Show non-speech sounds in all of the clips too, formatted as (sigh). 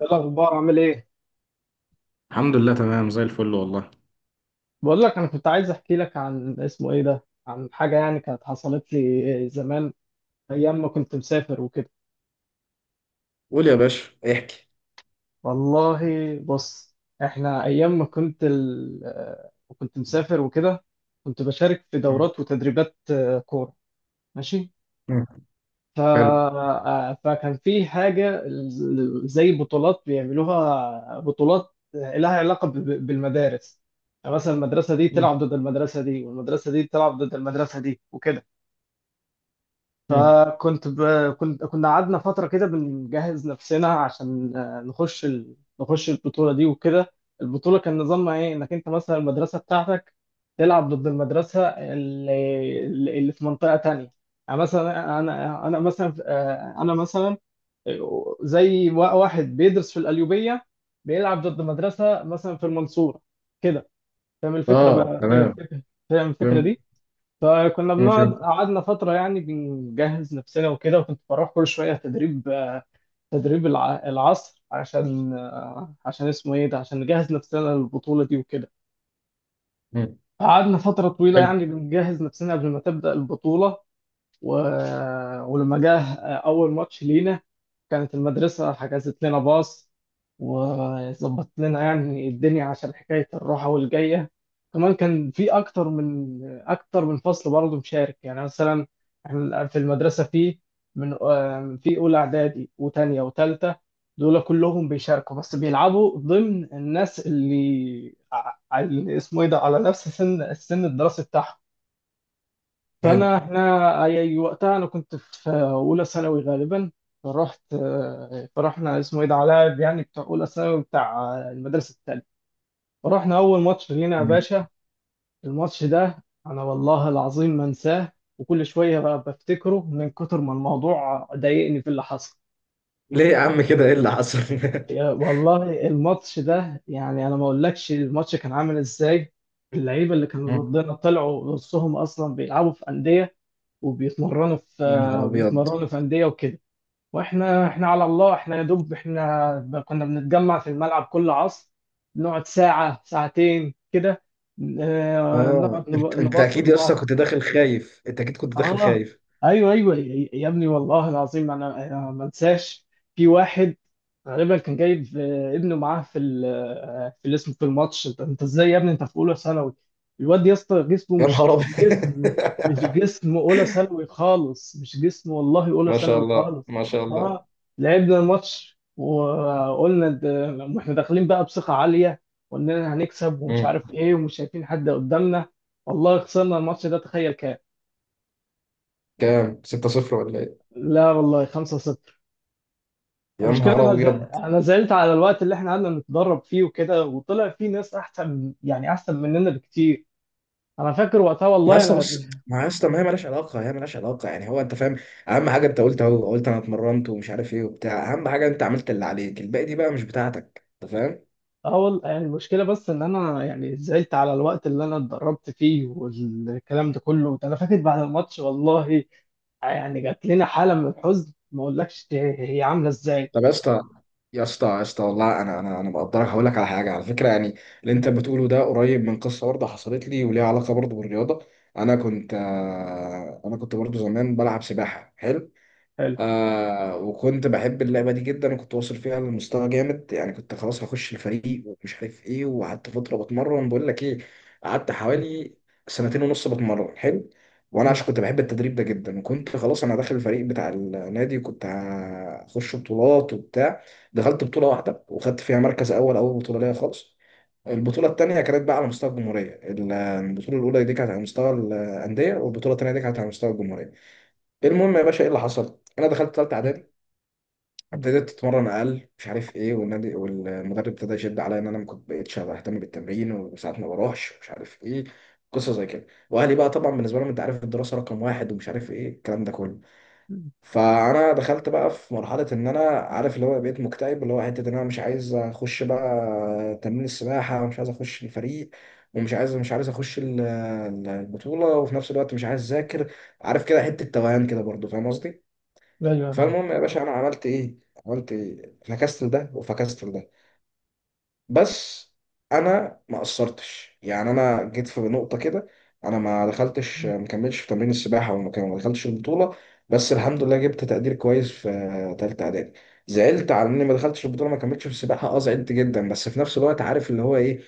ايه الاخبار؟ عامل ايه؟ الحمد لله، تمام زي الفل والله. بقول لك، انا كنت عايز احكي لك عن اسمه ايه ده، عن حاجه يعني كانت حصلت لي زمان، ايام ما كنت مسافر وكده. قول يا باشا، احكي. والله، بص. احنا ايام ما كنت كنت مسافر وكده. كنت بشارك في آه. دورات وتدريبات، كوره. ماشي. مم. حلو. فكان في حاجه زي بطولات بيعملوها، بطولات لها علاقه بالمدارس. يعني مثلا المدرسه دي مم. تلعب ضد المدرسه دي، والمدرسه دي تلعب ضد المدرسه دي وكده. مم. فكنت ب... كنا قعدنا فترة كده بنجهز نفسنا عشان نخش نخش البطولة دي وكده. البطولة كان نظامها ايه؟ انك انت مثلا المدرسة بتاعتك تلعب ضد المدرسة اللي في منطقة تانية. يعني مثلا انا مثلا، انا مثلا، زي واحد بيدرس في القليوبية، بيلعب ضد مدرسة مثلا في المنصورة كده. فاهم الفكرة؟ اه، بقى فاهم تمام. الفكرة، فاهم الفكرة فهمت. دي؟ فكنا مم، فهمت. قعدنا فترة يعني بنجهز نفسنا وكده، وكنت بروح كل شوية تدريب، تدريب العصر عشان، عشان اسمه ايه ده، عشان نجهز نفسنا للبطولة دي وكده. مم. قعدنا فترة طويلة حلو. يعني بنجهز نفسنا قبل ما تبدأ البطولة. و... ولما جه أول ماتش لينا، كانت المدرسة حجزت لنا باص وظبطت لنا يعني الدنيا عشان حكاية الروحة والجاية. كمان كان في أكتر من، أكتر من فصل برضه مشارك. يعني مثلا إحنا في المدرسة في، في أولى إعدادي وتانية وتالتة، دول كلهم بيشاركوا، بس بيلعبوا ضمن الناس اللي اللي اسمه إيه ده، على نفس السن الدراسي بتاعهم. حلو. فانا احنا اي وقتها انا كنت في اولى ثانوي غالبا. فرحت فرحنا، اسمه ايه ده، علاء يعني، بتاع اولى ثانوي بتاع المدرسه الثانيه. فرحنا اول ماتش لينا يا مم. باشا. الماتش ده انا والله العظيم ما انساه، وكل شويه بقى بفتكره من كتر ما الموضوع ضايقني في اللي حصل. ليه يا عم كده؟ ايه اللي حصل؟ (laughs) يا والله الماتش ده، يعني انا ما اقولكش الماتش كان عامل ازاي. اللعيبه اللي يا كانوا مم. ضدنا طلعوا نصهم اصلا بيلعبوا في انديه وبيتمرنوا يا نهار في، ابيض. بيتمرنوا في أندية وكده. واحنا، احنا على الله، احنا يا دوب احنا كنا بنتجمع في الملعب كل عصر، نقعد ساعة ساعتين كده، اه، نقعد انت نبص اكيد يا اسطى لبعض. كنت داخل خايف، انت اكيد كنت داخل اه. خايف. ايوه ايوه يا ابني، والله العظيم انا، ما انساش. في واحد غالبا كان جايب ابنه معاه في في الاسم، في الماتش. انت أنت ازاي يا ابني انت في اولى ثانوي؟ الواد يا اسطى جسمه يا مش نهار ابيض. جسم، مش (laughs) جسم اولى ثانوي خالص، مش جسم والله اولى ما شاء ثانوي الله، خالص. ما شاء الله. اه. لعبنا الماتش وقلنا، لما احنا داخلين بقى بثقة عالية واننا هنكسب ومش مم. عارف ايه ومش شايفين حد قدامنا. والله خسرنا الماتش ده، تخيل كام! كام؟ 6-0 ولا ايه؟ لا والله 5-0. يا المشكله نهار انا، ابيض. انا زعلت على الوقت اللي احنا قعدنا نتدرب فيه وكده، وطلع فيه ناس احسن، يعني احسن مننا بكتير. انا فاكر وقتها ما والله اصلا انا، بص، ما اصلا، ما هي مالهاش علاقه، هي مالهاش علاقه يعني. هو انت فاهم؟ اهم حاجه انت قلت اهو، قلت انا اتمرنت ومش عارف ايه وبتاع. اهم حاجه انت عملت اللي عليك، الباقي دي بقى مش بتاعتك، انت فاهم؟ اول يعني المشكله بس ان انا يعني زعلت على الوقت اللي انا اتدربت فيه، والكلام ده كله انا فاكر بعد الماتش والله، يعني جات لنا حاله من الحزن ما اقولكش هي عامله ازاي. طب يا اسطى، يا اسطى يا اسطى والله انا مقدرك، هقول لك على حاجه على فكره يعني. اللي انت بتقوله ده قريب من قصه برضه حصلت لي وليها علاقه برضه بالرياضه. انا كنت انا كنت برضه زمان بلعب سباحه، حلو. حلو. آه، وكنت بحب اللعبة دي جدا، وكنت واصل فيها لمستوى جامد يعني، كنت خلاص هخش الفريق ومش عارف ايه. وقعدت فترة بتمرن، بقول لك ايه، قعدت حوالي سنتين ونص بتمرن، حلو. وانا عشان كنت بحب التدريب ده جدا، وكنت خلاص انا داخل الفريق بتاع النادي، وكنت هخش بطولات وبتاع. دخلت بطولة واحدة وخدت فيها مركز اول، اول بطولة ليا خالص. البطولة التانية كانت بقى على مستوى الجمهورية، البطولة الأولى دي كانت على مستوى الأندية، والبطولة التانية دي كانت على مستوى الجمهورية. المهم يا باشا ايه اللي حصل؟ انا دخلت ثالثه اعدادي، ابتديت اتمرن اقل، مش عارف ايه، والنادي والمدرب ابتدى يشد عليا ان انا ما كنت بقتش اهتم بالتمرين، وساعات ما بروحش، مش عارف ايه. قصه زي كده. واهلي بقى طبعا بالنسبه لهم انت عارف الدراسه رقم واحد، ومش عارف ايه الكلام ده كله. فانا دخلت بقى في مرحله ان انا عارف اللي هو بقيت مكتئب، اللي هو حته ان انا مش عايز اخش بقى تمرين السباحه، ومش عايز اخش الفريق، ومش عايز مش عايز اخش البطوله وفي نفس الوقت مش عايز اذاكر. عارف كده حته توهان كده برضو، فاهم قصدي؟ ايوه، نعم. فالمهم يا باشا انا عملت ايه؟ عملت إيه؟ فكستل ده وفكستل ده. بس انا ما قصرتش يعني، انا جيت في نقطه كده، انا ما دخلتش، ما كملتش في تمرين السباحه، ما دخلتش البطوله. بس الحمد لله جبت تقدير كويس في ثالثه اعدادي. زعلت على اني ما دخلتش البطوله، ما كملتش في السباحه، اه زعلت جدا. بس في نفس الوقت عارف اللي هو ايه،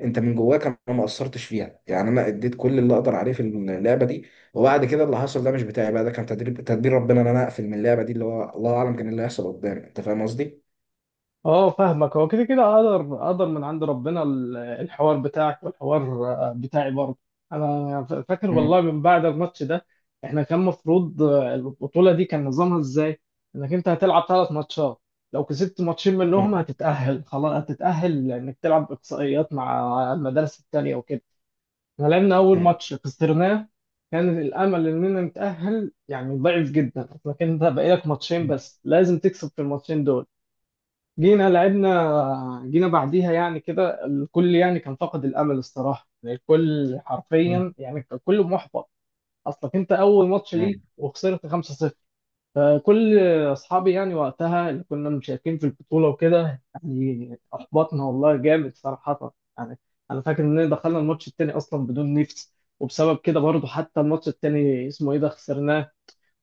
انت من جواك انا ما قصرتش فيها يعني، انا اديت كل اللي اقدر عليه في اللعبه دي. وبعد كده اللي حصل ده مش بتاعي بقى، ده كان تدريب، تدبير ربنا ان انا اقفل من اللعبه دي، اللي هو الله اعلم كان اللي هيحصل قدام، انت فاهم قصدي؟ اه فاهمك، هو كده كده اقدر، من عند ربنا الحوار بتاعك، والحوار بتاعي برضه. انا فاكر مم. والله من بعد الماتش ده، احنا كان مفروض، البطولة دي كان نظامها ازاي؟ انك انت هتلعب ثلاث ماتشات، لو كسبت ماتشين منهم مم. هتتأهل، خلاص هتتأهل لانك تلعب اقصائيات مع المدارس التانية وكده. احنا لعبنا اول ماتش خسرناه، كان الامل اننا نتأهل يعني ضعيف جدا، لكن انت بقالك ماتشين بس لازم تكسب في الماتشين دول. جينا لعبنا، جينا بعديها يعني كده، الكل يعني كان فاقد الامل الصراحه، يعني الكل مم. حرفيا يعني كان كله محبط. اصلك انت اول ماتش ليك مم. وخسرت 5-0. فكل اصحابي يعني وقتها اللي كنا مشاركين في البطوله وكده، يعني احبطنا والله جامد صراحه يعني. انا فاكر اننا دخلنا الماتش التاني اصلا بدون نفس، وبسبب كده برضه حتى الماتش التاني اسمه ايه ده خسرناه.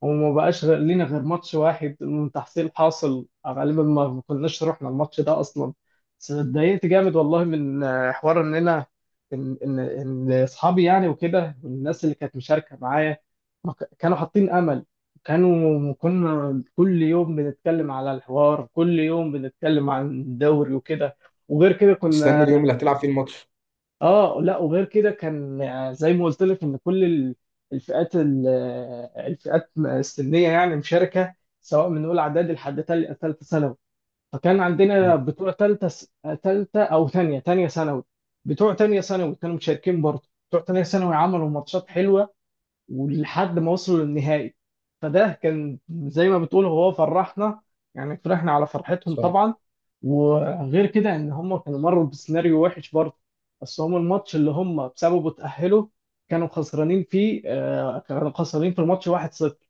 وما بقاش غير لينا غير ماتش واحد من تحصيل حاصل، غالبا ما كناش رحنا الماتش ده اصلا. بس اتضايقت جامد والله من، حوار ان انا، ان اصحابي يعني وكده، والناس اللي كانت مشاركه معايا ما كانوا حاطين امل. كنا كل يوم بنتكلم على الحوار، كل يوم بنتكلم عن الدوري وكده. وغير كده مستني كنا، اليوم اللي هتلعب فيه الماتش. اه لا. وغير كده كان زي ما قلت لك ان كل الفئات، الفئات السنيه يعني مشاركه، سواء من اولى اعدادي لحد ثالثه ثانوي. فكان عندنا مم. بتوع ثالثه ثالثه او ثانيه ثانيه ثانوي. بتوع ثانيه ثانوي كانوا مشاركين برضه، بتوع ثانيه ثانوي عملوا ماتشات حلوه ولحد ما وصلوا للنهائي. فده كان زي ما بتقول هو، فرحنا يعني، فرحنا على فرحتهم صح. طبعا. وغير كده ان هم كانوا مروا بسيناريو وحش برضه، بس هم الماتش اللي هم بسببه اتأهلوا كانوا خسرانين فيه، كانوا خسرانين في الماتش 1-0،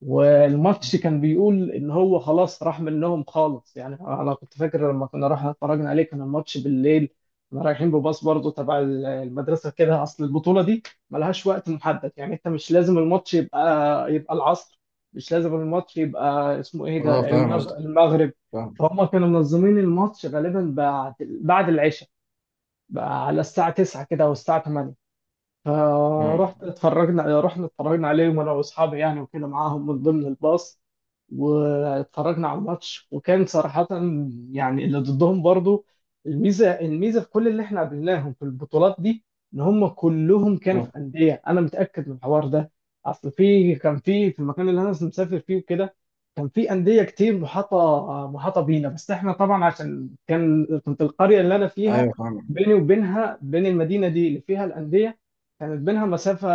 والماتش مم. كان بيقول ان هو خلاص راح منهم خالص يعني. انا كنت فاكر لما كنا رايحين اتفرجنا عليه كان الماتش بالليل. كنا رايحين بباص برضه تبع المدرسه كده، اصل البطوله دي ملهاش وقت محدد يعني، انت مش لازم الماتش يبقى، العصر، مش لازم الماتش يبقى اسمه ايه اه، ده فاهم قصدك، المغرب. فاهم. فهم كانوا منظمين الماتش غالبا بعد، العشاء، بقى على الساعه 9 كده او الساعه 8. مم. فرحت اتفرجنا، رحنا اتفرجنا عليهم انا واصحابي يعني وكده معاهم من ضمن الباص. واتفرجنا على الماتش، وكان صراحة يعني اللي ضدهم برضو، الميزة في كل اللي احنا قابلناهم في البطولات دي ان هم كلهم كانوا مم. في أندية، انا متأكد من الحوار ده. اصل في، كان في المكان اللي انا مسافر فيه وكده، كان في أندية كتير، محاطة بينا، بس احنا طبعا عشان كان، كنت القرية اللي انا فيها، ايوه فاهم. بيني وبينها، بين المدينة دي اللي فيها الأندية، كانت بينها مسافة،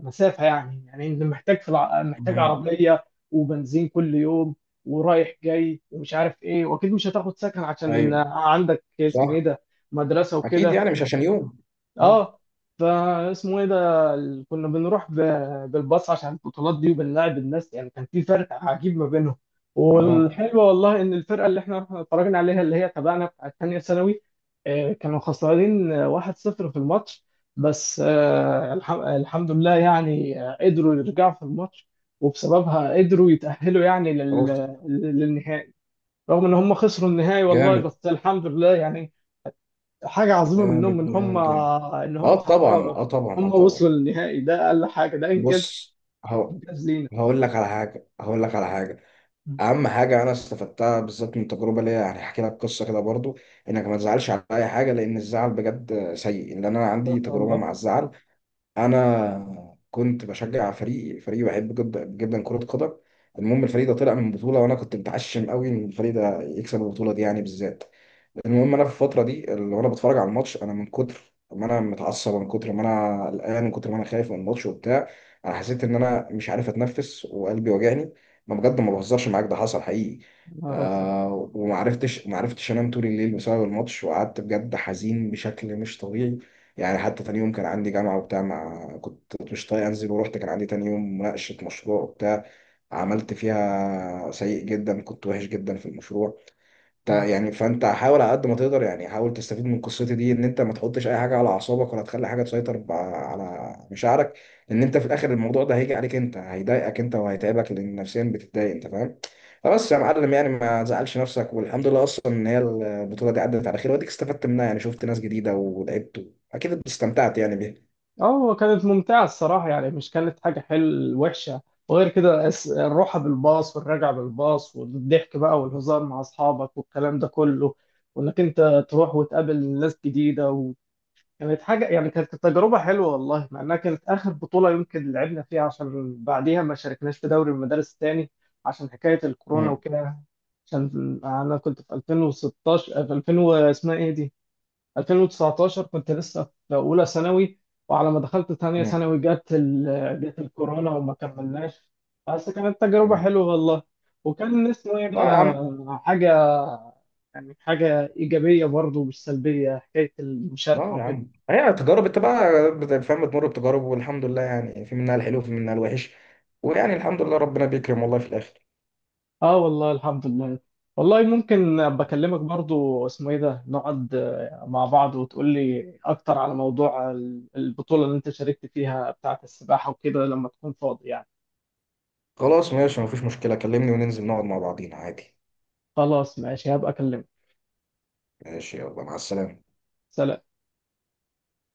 يعني انت محتاج محتاج مم. عربية وبنزين كل يوم، ورايح جاي ومش عارف ايه، واكيد مش هتاخد سكن عشان ايوه. عندك اسمه ايه صح. ده، مدرسه اكيد، وكده. يعني مش عشان يوم. مم. اه. فاسمه ايه ده ال- كنا بنروح بالباص عشان البطولات دي وبنلاعب الناس يعني، كان في فرق عجيب ما بينهم. اه. والحلو والله ان الفرقه اللي احنا رحنا اتفرجنا عليها اللي هي تبعنا بتاعت تانية ثانوي، كانوا خسرانين، 1-0 في الماتش. بس الحمد لله يعني، قدروا يرجعوا في الماتش، وبسببها قدروا يتأهلوا يعني اوف. للنهائي. رغم ان هم خسروا النهائي والله، جامد. بس الحمد لله يعني. حاجة عظيمة منهم جامد، إن هم، جامد، جامد. إن هم اه حققوا، طبعا، اه إن طبعا، اه هم وصلوا طبعا. للنهائي، ده أقل حاجة، ده إنجاز، بص. هو. إنجاز لينا. هقول لك على حاجة، هقول لك على حاجة. مم. أهم حاجة أنا استفدتها بالذات من تجربة ليا، يعني هحكي لك قصة كده برضو. إنك ما تزعلش على أي حاجة، لأن الزعل بجد سيء. إن أنا عندي استغفر تجربة الله. مع الزعل. انا كنت بشجع فريق، بحب جدا جدا كرة قدم. المهم الفريق ده طلع من بطولة، وانا كنت متعشم قوي ان الفريق ده يكسب البطولة دي يعني بالذات. المهم انا في الفتره دي اللي وانا بتفرج على الماتش، انا من كتر ما انا متعصب، من كتر ما انا قلقان، من كتر ما انا خايف من الماتش وبتاع، انا حسيت ان انا مش عارف اتنفس وقلبي وجعني. ما بجد، ما بهزرش معاك، ده حصل حقيقي. يا نهار أزرق. آه، وما عرفتش ما عرفتش انام طول الليل بسبب الماتش، وقعدت بجد حزين بشكل مش طبيعي، يعني حتى تاني يوم كان عندي جامعه وبتاع، ما كنت مش طايق انزل، ورحت كان عندي تاني يوم مناقشه مشروع وبتاع، عملت فيها سيء جدا، كنت وحش جدا في المشروع. مم. يعني فانت حاول على قد ما تقدر يعني، حاول تستفيد من قصتي دي ان انت ما تحطش اي حاجه على اعصابك، ولا تخلي حاجه تسيطر على مشاعرك. لان انت في الاخر الموضوع ده هيجي عليك، انت هيضايقك انت وهيتعبك، لان نفسيا بتتضايق، انت فاهم؟ فبس يا معلم يعني ما تزعلش نفسك، والحمد لله اصلا ان هي البطوله دي عدت على خير، واديك استفدت منها يعني، شفت ناس جديده ولعبت، اكيد استمتعت يعني بيها. اه كانت ممتعة الصراحة يعني، مش كانت حاجة حلوة وحشة. وغير كده الروحة بالباص والرجعة بالباص، والضحك بقى والهزار مع أصحابك والكلام ده كله، وإنك أنت تروح وتقابل ناس جديدة، كانت حاجة يعني، كانت تجربة حلوة والله، مع إنها كانت آخر بطولة يمكن لعبنا فيها، عشان بعديها ما شاركناش في دوري المدارس تاني عشان حكاية الكورونا مم. وكده. عشان أنا كنت في 2016، في 2000 اسمها إيه دي، 2019 كنت لسه في أولى ثانوي، وعلى ما دخلت ثانية مم. ثانوي جت جت الكورونا وما كملناش. بس كانت تجربة مم. حلوة والله، وكان اسمه إيه لا ده يا عم. حاجة، يعني حاجة إيجابية برضه مش سلبية حكاية المشاركة لا يا وكده. عم، هي تجارب انت بقى فاهم، بتمر بتجارب، والحمد لله يعني في منها الحلو وفي منها الوحش. ويعني الحمد لله ربنا بيكرم والله في الاخر. اه والله الحمد لله. والله ممكن ابقى اكلمك برضو اسمه ايه ده، نقعد مع بعض وتقول لي اكتر على موضوع البطولة اللي انت شاركت فيها بتاعة السباحة وكده لما تكون فاضي يعني. خلاص ماشي، مفيش مشكلة، كلمني وننزل نقعد مع بعضينا عادي. خلاص ماشي هبقى اكلمك. ماشي، يلا مع السلامة. سلام.